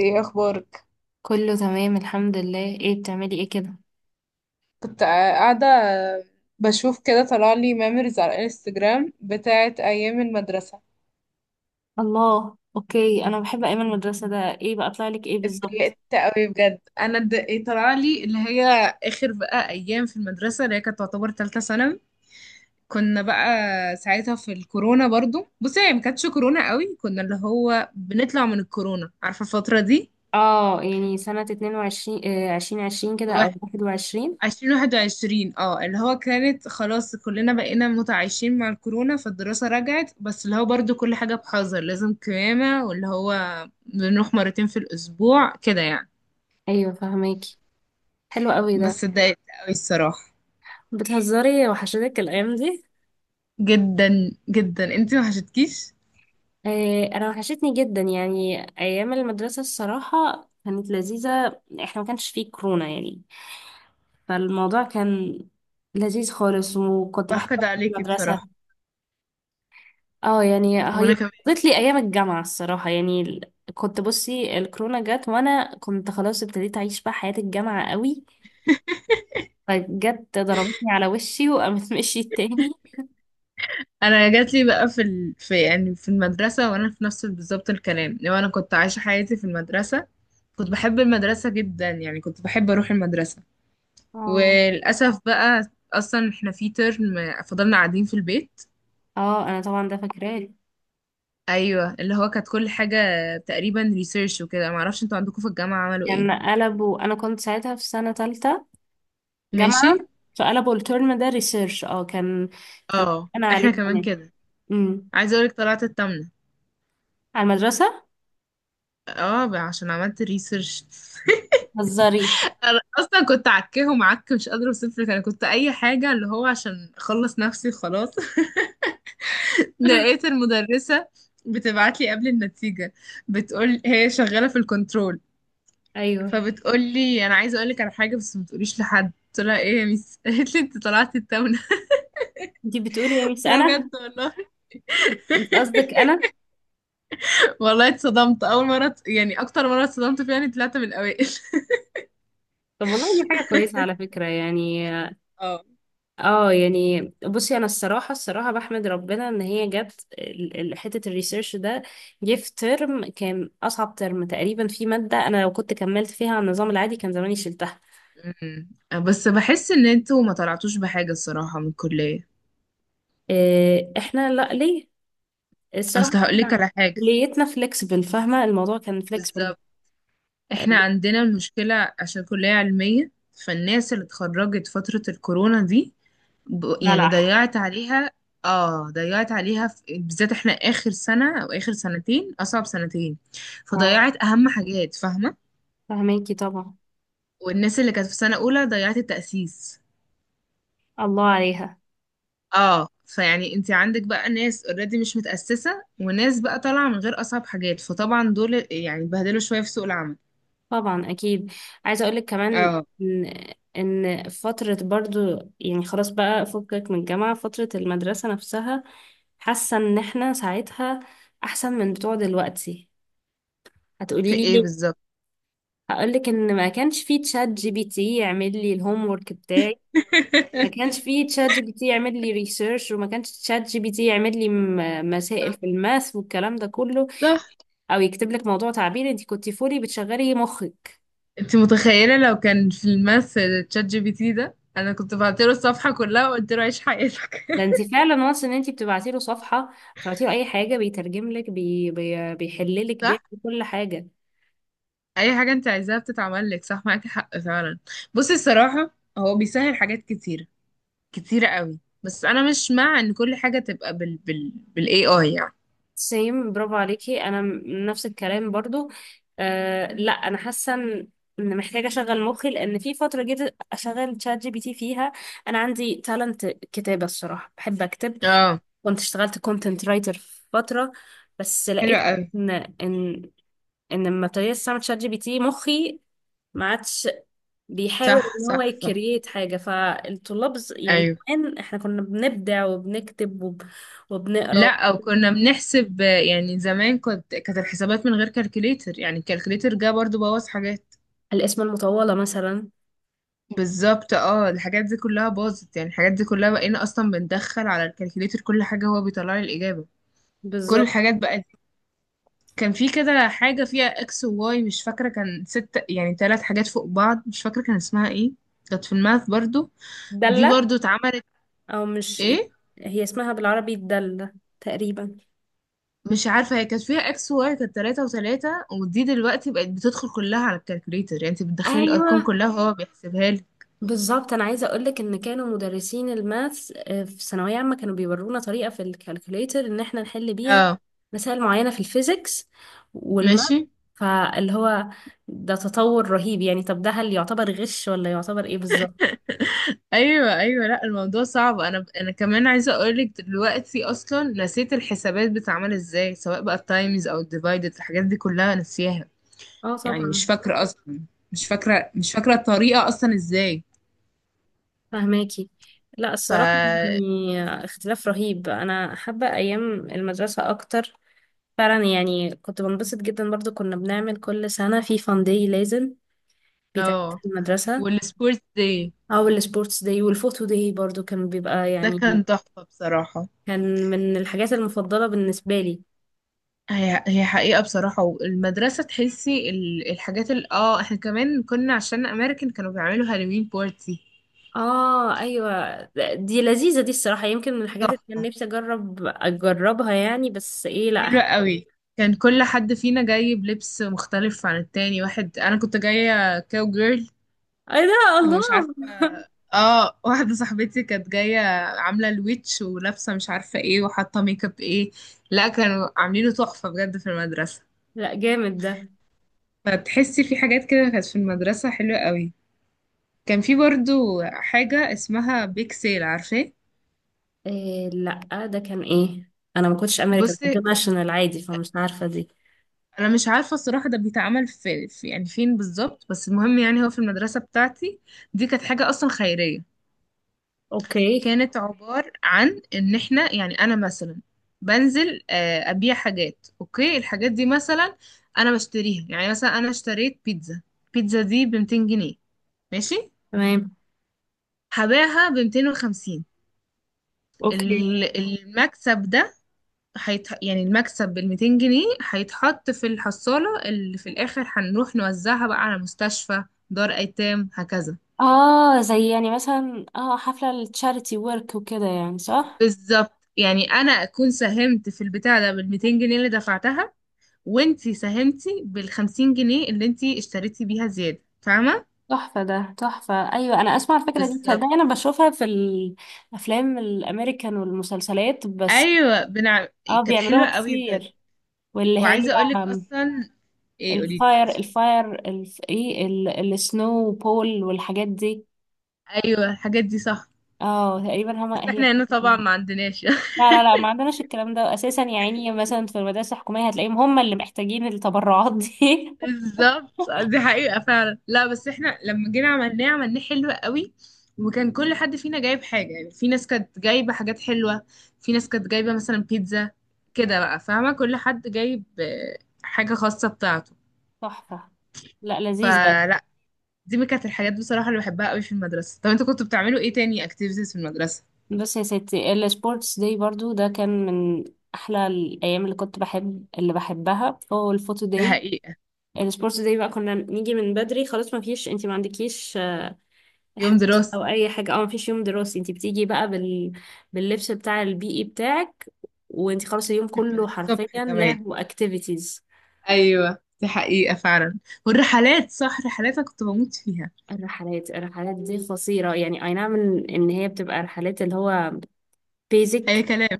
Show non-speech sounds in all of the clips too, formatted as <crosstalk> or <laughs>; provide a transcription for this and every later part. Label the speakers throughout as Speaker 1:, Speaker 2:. Speaker 1: ايه اخبارك؟
Speaker 2: كله تمام الحمد لله، ايه بتعملي ايه كده؟
Speaker 1: كنت قاعده بشوف كده، طلع لي ميموريز على الانستجرام بتاعت ايام المدرسه.
Speaker 2: الله، اوكي. انا بحب ايام المدرسة. ده ايه بقى طلع لك ايه بالظبط؟
Speaker 1: اتضايقت قوي بجد، انا اتضايقت. طلع لي اللي هي اخر بقى ايام في المدرسه، اللي هي كانت تعتبر ثالثه ثانوي. كنا بقى ساعتها في الكورونا، برضو بصي هي ما كانتش كورونا قوي، كنا اللي هو بنطلع من الكورونا، عارفه الفتره دي.
Speaker 2: اه، يعني سنة 22، آه، 2020 كده او 21.
Speaker 1: عشرين واحد وعشرين، اه اللي هو كانت خلاص كلنا بقينا متعايشين مع الكورونا، فالدراسة رجعت، بس اللي هو برضو كل حاجة بحذر، لازم قيامة، واللي هو بنروح مرتين في الأسبوع كده يعني.
Speaker 2: ايوه، فهماكي. حلو قوي ده.
Speaker 1: بس اتضايقت قوي الصراحة.
Speaker 2: بتهزري؟ وحشتك الايام دي؟
Speaker 1: جدا جدا. انتي ما حشتكيش؟
Speaker 2: آه، انا وحشتني جدا. يعني ايام المدرسة الصراحة كانت لذيذة، احنا ما كانش فيه كورونا يعني. فالموضوع كان لذيذ خالص، وكنت بحب
Speaker 1: بحقد
Speaker 2: أروح
Speaker 1: عليكي
Speaker 2: المدرسة.
Speaker 1: بصراحة.
Speaker 2: اه، يعني
Speaker 1: وانا
Speaker 2: هي
Speaker 1: كمان.
Speaker 2: قضت لي ايام الجامعه الصراحه. يعني كنت بصي، الكورونا جت وانا كنت خلاص ابتديت اعيش بقى حياه الجامعه قوي، فجت ضربتني على وشي وقامت <laughs> مشيت تاني.
Speaker 1: انا جات لي بقى في المدرسة، وانا في نفس بالظبط الكلام، لو انا كنت عايشة حياتي في المدرسة. كنت بحب المدرسة جدا، يعني كنت بحب اروح المدرسة.
Speaker 2: اه،
Speaker 1: وللأسف بقى، أصلا احنا في ترم فضلنا قاعدين في البيت.
Speaker 2: اه، انا طبعا ده فاكراه.
Speaker 1: أيوة اللي هو كانت كل حاجة تقريبا ريسيرش وكده. معرفش انتوا عندكم في الجامعة عملوا
Speaker 2: كان
Speaker 1: ايه.
Speaker 2: قلبوا. انا كنت ساعتها في سنه تالتة
Speaker 1: ماشي.
Speaker 2: جامعه. فقلبوا الترم ده ريسيرش. اه، كان، كان.
Speaker 1: اه
Speaker 2: انا عليه
Speaker 1: احنا كمان
Speaker 2: زمان.
Speaker 1: كده.
Speaker 2: امم.
Speaker 1: عايزة اقولك طلعت التامنة.
Speaker 2: على المدرسه.
Speaker 1: اه بقى عشان عملت ريسيرش <laughs>
Speaker 2: هزاري.
Speaker 1: انا اصلا كنت عكهم عك، مش قادره اوصف لك. انا كنت اي حاجه اللي هو عشان اخلص نفسي خلاص <laughs>
Speaker 2: <laughs>
Speaker 1: لقيت المدرسه بتبعت لي قبل النتيجه، بتقول هي شغاله في الكنترول،
Speaker 2: ايوه،
Speaker 1: فبتقولي انا عايزه اقول لك على حاجه بس ما تقوليش لحد. قلت لها ايه يا ميس؟ <laughs> قالت لي انت طلعتي التونه.
Speaker 2: انتي بتقولي يا
Speaker 1: <laughs>
Speaker 2: ميس؟
Speaker 1: قلت لها
Speaker 2: انا،
Speaker 1: بجد والله؟
Speaker 2: انتي قصدك انا؟
Speaker 1: والله اتصدمت اول مره، يعني اكتر مره اتصدمت فيها اني طلعت من الاوائل <laughs>
Speaker 2: طب والله دي حاجه كويسه على فكره يعني.
Speaker 1: اه.
Speaker 2: اه، يعني بصي، انا الصراحه الصراحه بحمد ربنا ان هي جت حته الريسيرش ده. جه في ترم كان اصعب ترم تقريبا، في ماده انا لو كنت كملت فيها على النظام العادي كان زماني شلتها.
Speaker 1: أمم. بس بحس ان انتوا ما طلعتوش بحاجه الصراحه من الكليه.
Speaker 2: إيه، احنا؟ لا، ليه؟ الصراحه
Speaker 1: اصل هقول لك على
Speaker 2: احنا
Speaker 1: حاجه،
Speaker 2: كليتنا فليكسبل، فاهمه؟ الموضوع كان فليكسبل.
Speaker 1: بالظبط. احنا عندنا المشكله عشان كليه علميه، فالناس اللي اتخرجت فتره الكورونا دي يعني
Speaker 2: بلح.
Speaker 1: ضيعت عليها. اه ضيعت عليها بالذات احنا اخر سنة او اخر سنتين اصعب سنتين،
Speaker 2: اه،
Speaker 1: فضيعت اهم حاجات، فاهمة؟
Speaker 2: فهماكي طبعا.
Speaker 1: والناس اللي كانت في سنة اولى ضيعت التأسيس.
Speaker 2: الله عليها.
Speaker 1: اه، فيعني انت عندك بقى ناس اوريدي مش متأسسة، وناس بقى طالعة من غير اصعب حاجات، فطبعا دول يعني اتبهدلوا شوية في سوق العمل.
Speaker 2: طبعا اكيد. عايزه اقولك كمان
Speaker 1: اه.
Speaker 2: ان ان فتره برضو، يعني خلاص بقى فكك من الجامعه، فتره المدرسه نفسها. حاسه ان احنا ساعتها احسن من بتوع دلوقتي.
Speaker 1: في
Speaker 2: هتقولي لي
Speaker 1: ايه
Speaker 2: ليه؟
Speaker 1: بالظبط؟
Speaker 2: هقولك ان ما كانش فيه تشات جي بي تي يعمل لي الهوم ورك بتاعي. ما
Speaker 1: <laughs>
Speaker 2: كانش فيه تشات جي بي تي يعمل لي ريسيرش، وما كانش تشات جي بي تي يعمل لي مسائل
Speaker 1: صح
Speaker 2: في الماث والكلام ده كله.
Speaker 1: صح.
Speaker 2: او يكتب لك موضوع تعبير. انت كنتي فولي بتشغلي مخك.
Speaker 1: انت متخيلة لو كان في الماث تشات جي بي تي؟ ده انا كنت بعت له الصفحة كلها وقلت له عيش حياتك
Speaker 2: ده
Speaker 1: <laughs>
Speaker 2: انت فعلا وانس ان انت بتبعتي له صفحه، بتبعتي له اي حاجه، بيترجم لك، بيحل لك، بيعمل
Speaker 1: صح.
Speaker 2: كل حاجه.
Speaker 1: اي حاجه انت عايزاها بتتعمل لك. صح، معاكي حق فعلا. بصي الصراحه، هو بيسهل حاجات كتيره، كتيره قوي، بس انا مش مع ان كل حاجه تبقى بالاي اي يعني.
Speaker 2: سيم. برافو عليكي. انا نفس الكلام برضو. آه، لا، انا حاسه ان محتاجه اشغل مخي، لان في فتره جيت اشغل تشات جي بي تي فيها. انا عندي تالنت كتابه، الصراحه بحب اكتب.
Speaker 1: اه.
Speaker 2: كنت اشتغلت كونتنت رايتر فتره، بس
Speaker 1: حلو
Speaker 2: لقيت
Speaker 1: قوي.
Speaker 2: ان ان ان لما ابتديت استعمل تشات جي بي تي، مخي ما عادش بيحاول
Speaker 1: صح
Speaker 2: ان هو
Speaker 1: صح صح.
Speaker 2: يكريت حاجة. فالطلاب، يعني
Speaker 1: ايوه.
Speaker 2: كمان احنا كنا بنبدع وبنكتب
Speaker 1: لا،
Speaker 2: وبنقرا.
Speaker 1: او كنا بنحسب، يعني زمان كنت كانت الحسابات من غير كالكوليتر، يعني الكالكوليتر جه برضو بوظ حاجات.
Speaker 2: الاسم المطولة مثلا.
Speaker 1: بالظبط، اه الحاجات دي كلها باظت، يعني الحاجات دي كلها بقينا اصلا بندخل على الكالكوليتر، كل حاجه هو بيطلع لي الاجابه، كل
Speaker 2: بالظبط.
Speaker 1: الحاجات بقت. كان في كده حاجة فيها اكس وواي، مش فاكرة، كان ست يعني ثلاث حاجات فوق بعض، مش فاكرة كان اسمها ايه. كانت في الماث برضو. دي
Speaker 2: دلة،
Speaker 1: برضو اتعملت.
Speaker 2: او مش،
Speaker 1: ايه؟
Speaker 2: هي اسمها بالعربي الدلة تقريبا.
Speaker 1: مش عارفة هي كانت فيها اكس وواي، كانت ثلاثة وثلاثة، ودي دلوقتي بقت بتدخل كلها على الكالكوليتر، يعني انت بتدخلي الارقام
Speaker 2: ايوه،
Speaker 1: كلها وهو بيحسبها لك.
Speaker 2: بالظبط. انا عايزه اقولك ان كانوا مدرسين الماث في ثانويه عامه كانوا بيورونا طريقه في الكالكوليتر ان احنا نحل بيها
Speaker 1: اه.
Speaker 2: مسائل معينه في الفيزيكس والماث.
Speaker 1: ماشي.
Speaker 2: فاللي هو، ده تطور رهيب يعني. طب ده هل يعتبر غش ولا يعتبر ايه بالظبط؟
Speaker 1: ايوه ايوه. لا الموضوع صعب. انا كمان عايزه اقولك دلوقتي اصلا نسيت الحسابات بتتعمل ازاي، سواء بقى التايمز او الديفايدد، الحاجات دي كلها نسيها،
Speaker 2: اه،
Speaker 1: يعني مش
Speaker 2: طبعا.
Speaker 1: فاكرة أصلا، مش فاكرة مش فاكرة الطريقة أصلا إزاي.
Speaker 2: فهماكي. لا، الصراحه،
Speaker 1: ف...
Speaker 2: يعني اختلاف رهيب. انا حابه ايام المدرسه اكتر فعلا يعني. كنت بنبسط جدا. برضو كنا بنعمل كل سنه في فان داي لازم بيتعمل
Speaker 1: اه.
Speaker 2: في المدرسه.
Speaker 1: والسبورتس داي
Speaker 2: او السبورتس داي والفوتو داي برضو كان بيبقى
Speaker 1: ده
Speaker 2: يعني
Speaker 1: كان تحفة بصراحة.
Speaker 2: كان من الحاجات المفضلة بالنسبة لي.
Speaker 1: هي هي حقيقة بصراحة، والمدرسة تحسي الحاجات ال اه احنا كمان كنا عشان أمريكان كانوا بيعملوا هالوين بارتي.
Speaker 2: اه، ايوه، دي لذيذة. دي الصراحة يمكن من الحاجات اللي كان
Speaker 1: تحفة،
Speaker 2: نفسي اجربها يعني. بس ايه، لا،
Speaker 1: حلوة قوي. كان كل حد فينا جاي بلبس مختلف عن التاني. واحد أنا كنت جاية كاو جيرل
Speaker 2: ايه ده؟ الله!
Speaker 1: ومش عارفة.
Speaker 2: <laughs>
Speaker 1: اه واحدة صاحبتي كانت جاية عاملة الويتش، ولابسة مش عارفة ايه، وحاطة ميك اب ايه. لا كانوا عاملينه تحفة بجد في المدرسة.
Speaker 2: لا، جامد ده.
Speaker 1: فتحسي في حاجات كده كانت في المدرسة حلوة قوي. كان في برضو حاجة اسمها بيك سيل، عارفاه؟
Speaker 2: إيه، لا، ده كان ايه؟ انا ما كنتش امريكان، كنت
Speaker 1: بصي
Speaker 2: ناشونال عادي فمش عارفة دي.
Speaker 1: انا مش عارفة الصراحة ده بيتعمل في يعني فين بالظبط، بس المهم يعني هو في المدرسة بتاعتي دي كانت حاجة اصلا خيرية.
Speaker 2: اوكي.
Speaker 1: كانت عبارة عن ان احنا يعني انا مثلا بنزل ابيع حاجات. اوكي. الحاجات دي مثلا انا بشتريها، يعني مثلا انا اشتريت بيتزا، البيتزا دي ب 200 جنيه، ماشي.
Speaker 2: تمام.
Speaker 1: هبيعها ب 250.
Speaker 2: اوكي.
Speaker 1: ال- المكسب ده يعني المكسب ال 200 جنيه هيتحط في الحصالة اللي في الاخر، هنروح نوزعها بقى على مستشفى، دار ايتام، هكذا.
Speaker 2: اه، زي يعني مثلا حفلة التشاريتي ورك وكده يعني، صح.
Speaker 1: بالظبط. يعني انا اكون ساهمت في البتاع ده بال 200 جنيه اللي دفعتها، وانتي ساهمتي بال50 جنيه اللي انتي اشتريتي بيها زيادة، فاهمة؟
Speaker 2: تحفة، ده تحفة، أيوة. أنا أسمع الفكرة دي
Speaker 1: بالظبط.
Speaker 2: تصدقي؟ أنا بشوفها في الأفلام الأمريكان والمسلسلات بس.
Speaker 1: ايوه
Speaker 2: اه،
Speaker 1: كانت
Speaker 2: بيعملوها
Speaker 1: حلوة قوي بجد.
Speaker 2: كتير. واللي هي،
Speaker 1: وعايزة اقولك
Speaker 2: آم،
Speaker 1: اصلا. ايه قولي.
Speaker 2: الفاير، ايه، السنو بول والحاجات دي.
Speaker 1: ايوه الحاجات دي صح،
Speaker 2: اه، تقريبا،
Speaker 1: بس
Speaker 2: هي
Speaker 1: احنا هنا
Speaker 2: بتبقى-
Speaker 1: طبعا ما عندناش.
Speaker 2: لا، لا، لا، ما عندناش الكلام ده أساسا يعني. مثلا في المدارس الحكومية هتلاقيهم هما اللي محتاجين التبرعات دي.
Speaker 1: <laughs> بالظبط، دي حقيقة فعلا. لا بس احنا لما جينا عملناه، عملناه حلو قوي. وكان كل حد فينا جايب حاجة، يعني في ناس كانت جايبة حاجات حلوة، في ناس كانت جايبة مثلا بيتزا، كده بقى، فاهمة؟ كل حد جايب حاجة خاصة بتاعته.
Speaker 2: <laughs> تحفة. لا، لذيذة.
Speaker 1: فلا، دي من كانت الحاجات بصراحة اللي بحبها قوي في المدرسة. طب انتوا كنتوا بتعملوا ايه تاني اكتيفيتيز في المدرسة؟
Speaker 2: بس يا ستي السبورتس داي برضو ده كان من احلى الايام. اللي بحبها هو الفوتو
Speaker 1: ده
Speaker 2: داي.
Speaker 1: حقيقة.
Speaker 2: السبورتس داي بقى كنا نيجي من بدري خلاص، ما فيش، انت ما عندكيش
Speaker 1: يوم
Speaker 2: حصص
Speaker 1: دراسي
Speaker 2: او اي حاجه، او ما فيش يوم دراسي. انت بتيجي بقى باللبس بتاع البيئي بتاعك، وانت خلاص اليوم
Speaker 1: <laughs> من
Speaker 2: كله حرفيا
Speaker 1: الصبح كمان.
Speaker 2: لعب واكتيفيتيز.
Speaker 1: ايوه دي حقيقة فعلا. والرحلات، صح، رحلات أنا كنت بموت فيها.
Speaker 2: الرحلات دي قصيرة يعني، اي نعم، ان هي بتبقى رحلات اللي هو basic.
Speaker 1: اي كلام.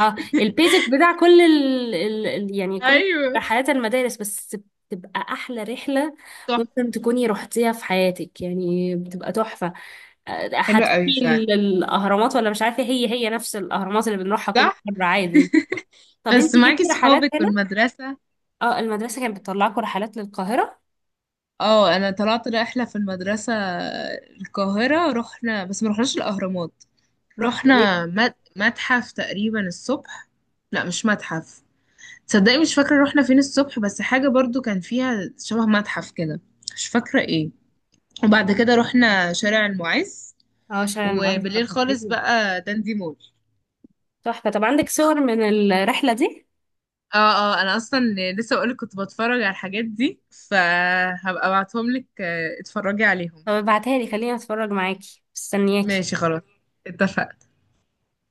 Speaker 2: اه، البيزك بتاع كل يعني كل
Speaker 1: ايوه
Speaker 2: رحلات المدارس، بس بتبقى احلى رحله ممكن
Speaker 1: تحفة.
Speaker 2: تكوني رحتيها في حياتك يعني. بتبقى تحفه.
Speaker 1: حلوة
Speaker 2: هتروحي
Speaker 1: قوي فعلا.
Speaker 2: الاهرامات، ولا مش عارفه، هي نفس الاهرامات اللي بنروحها كل
Speaker 1: صح.
Speaker 2: مره عادي. طب
Speaker 1: بس
Speaker 2: انت
Speaker 1: معاكي
Speaker 2: جبتي رحلات
Speaker 1: صحابك
Speaker 2: هنا؟
Speaker 1: والمدرسة.
Speaker 2: اه، المدرسه كانت بتطلعكم رحلات للقاهره.
Speaker 1: اه انا طلعت رحلة في المدرسة، القاهرة رحنا، بس ما رحناش الاهرامات.
Speaker 2: رحتوا ايه؟
Speaker 1: رحنا متحف تقريبا الصبح. لا مش متحف. تصدقي مش فاكرة رحنا فين الصبح، بس حاجة برضو كان فيها شبه متحف كده، مش فاكرة ايه. وبعد كده رحنا شارع المعز،
Speaker 2: اه، شارع المعز ده
Speaker 1: وبالليل خالص
Speaker 2: خطير.
Speaker 1: بقى داندي مول.
Speaker 2: تحفه. طب عندك صور من الرحله دي؟
Speaker 1: اه. اه انا اصلا لسه بقولك كنت بتفرج على الحاجات دي، فهبقى ابعتهم لك اتفرجي عليهم.
Speaker 2: طب ابعتها لي، خليني اتفرج معاكي، مستنياكي.
Speaker 1: ماشي خلاص، اتفقنا.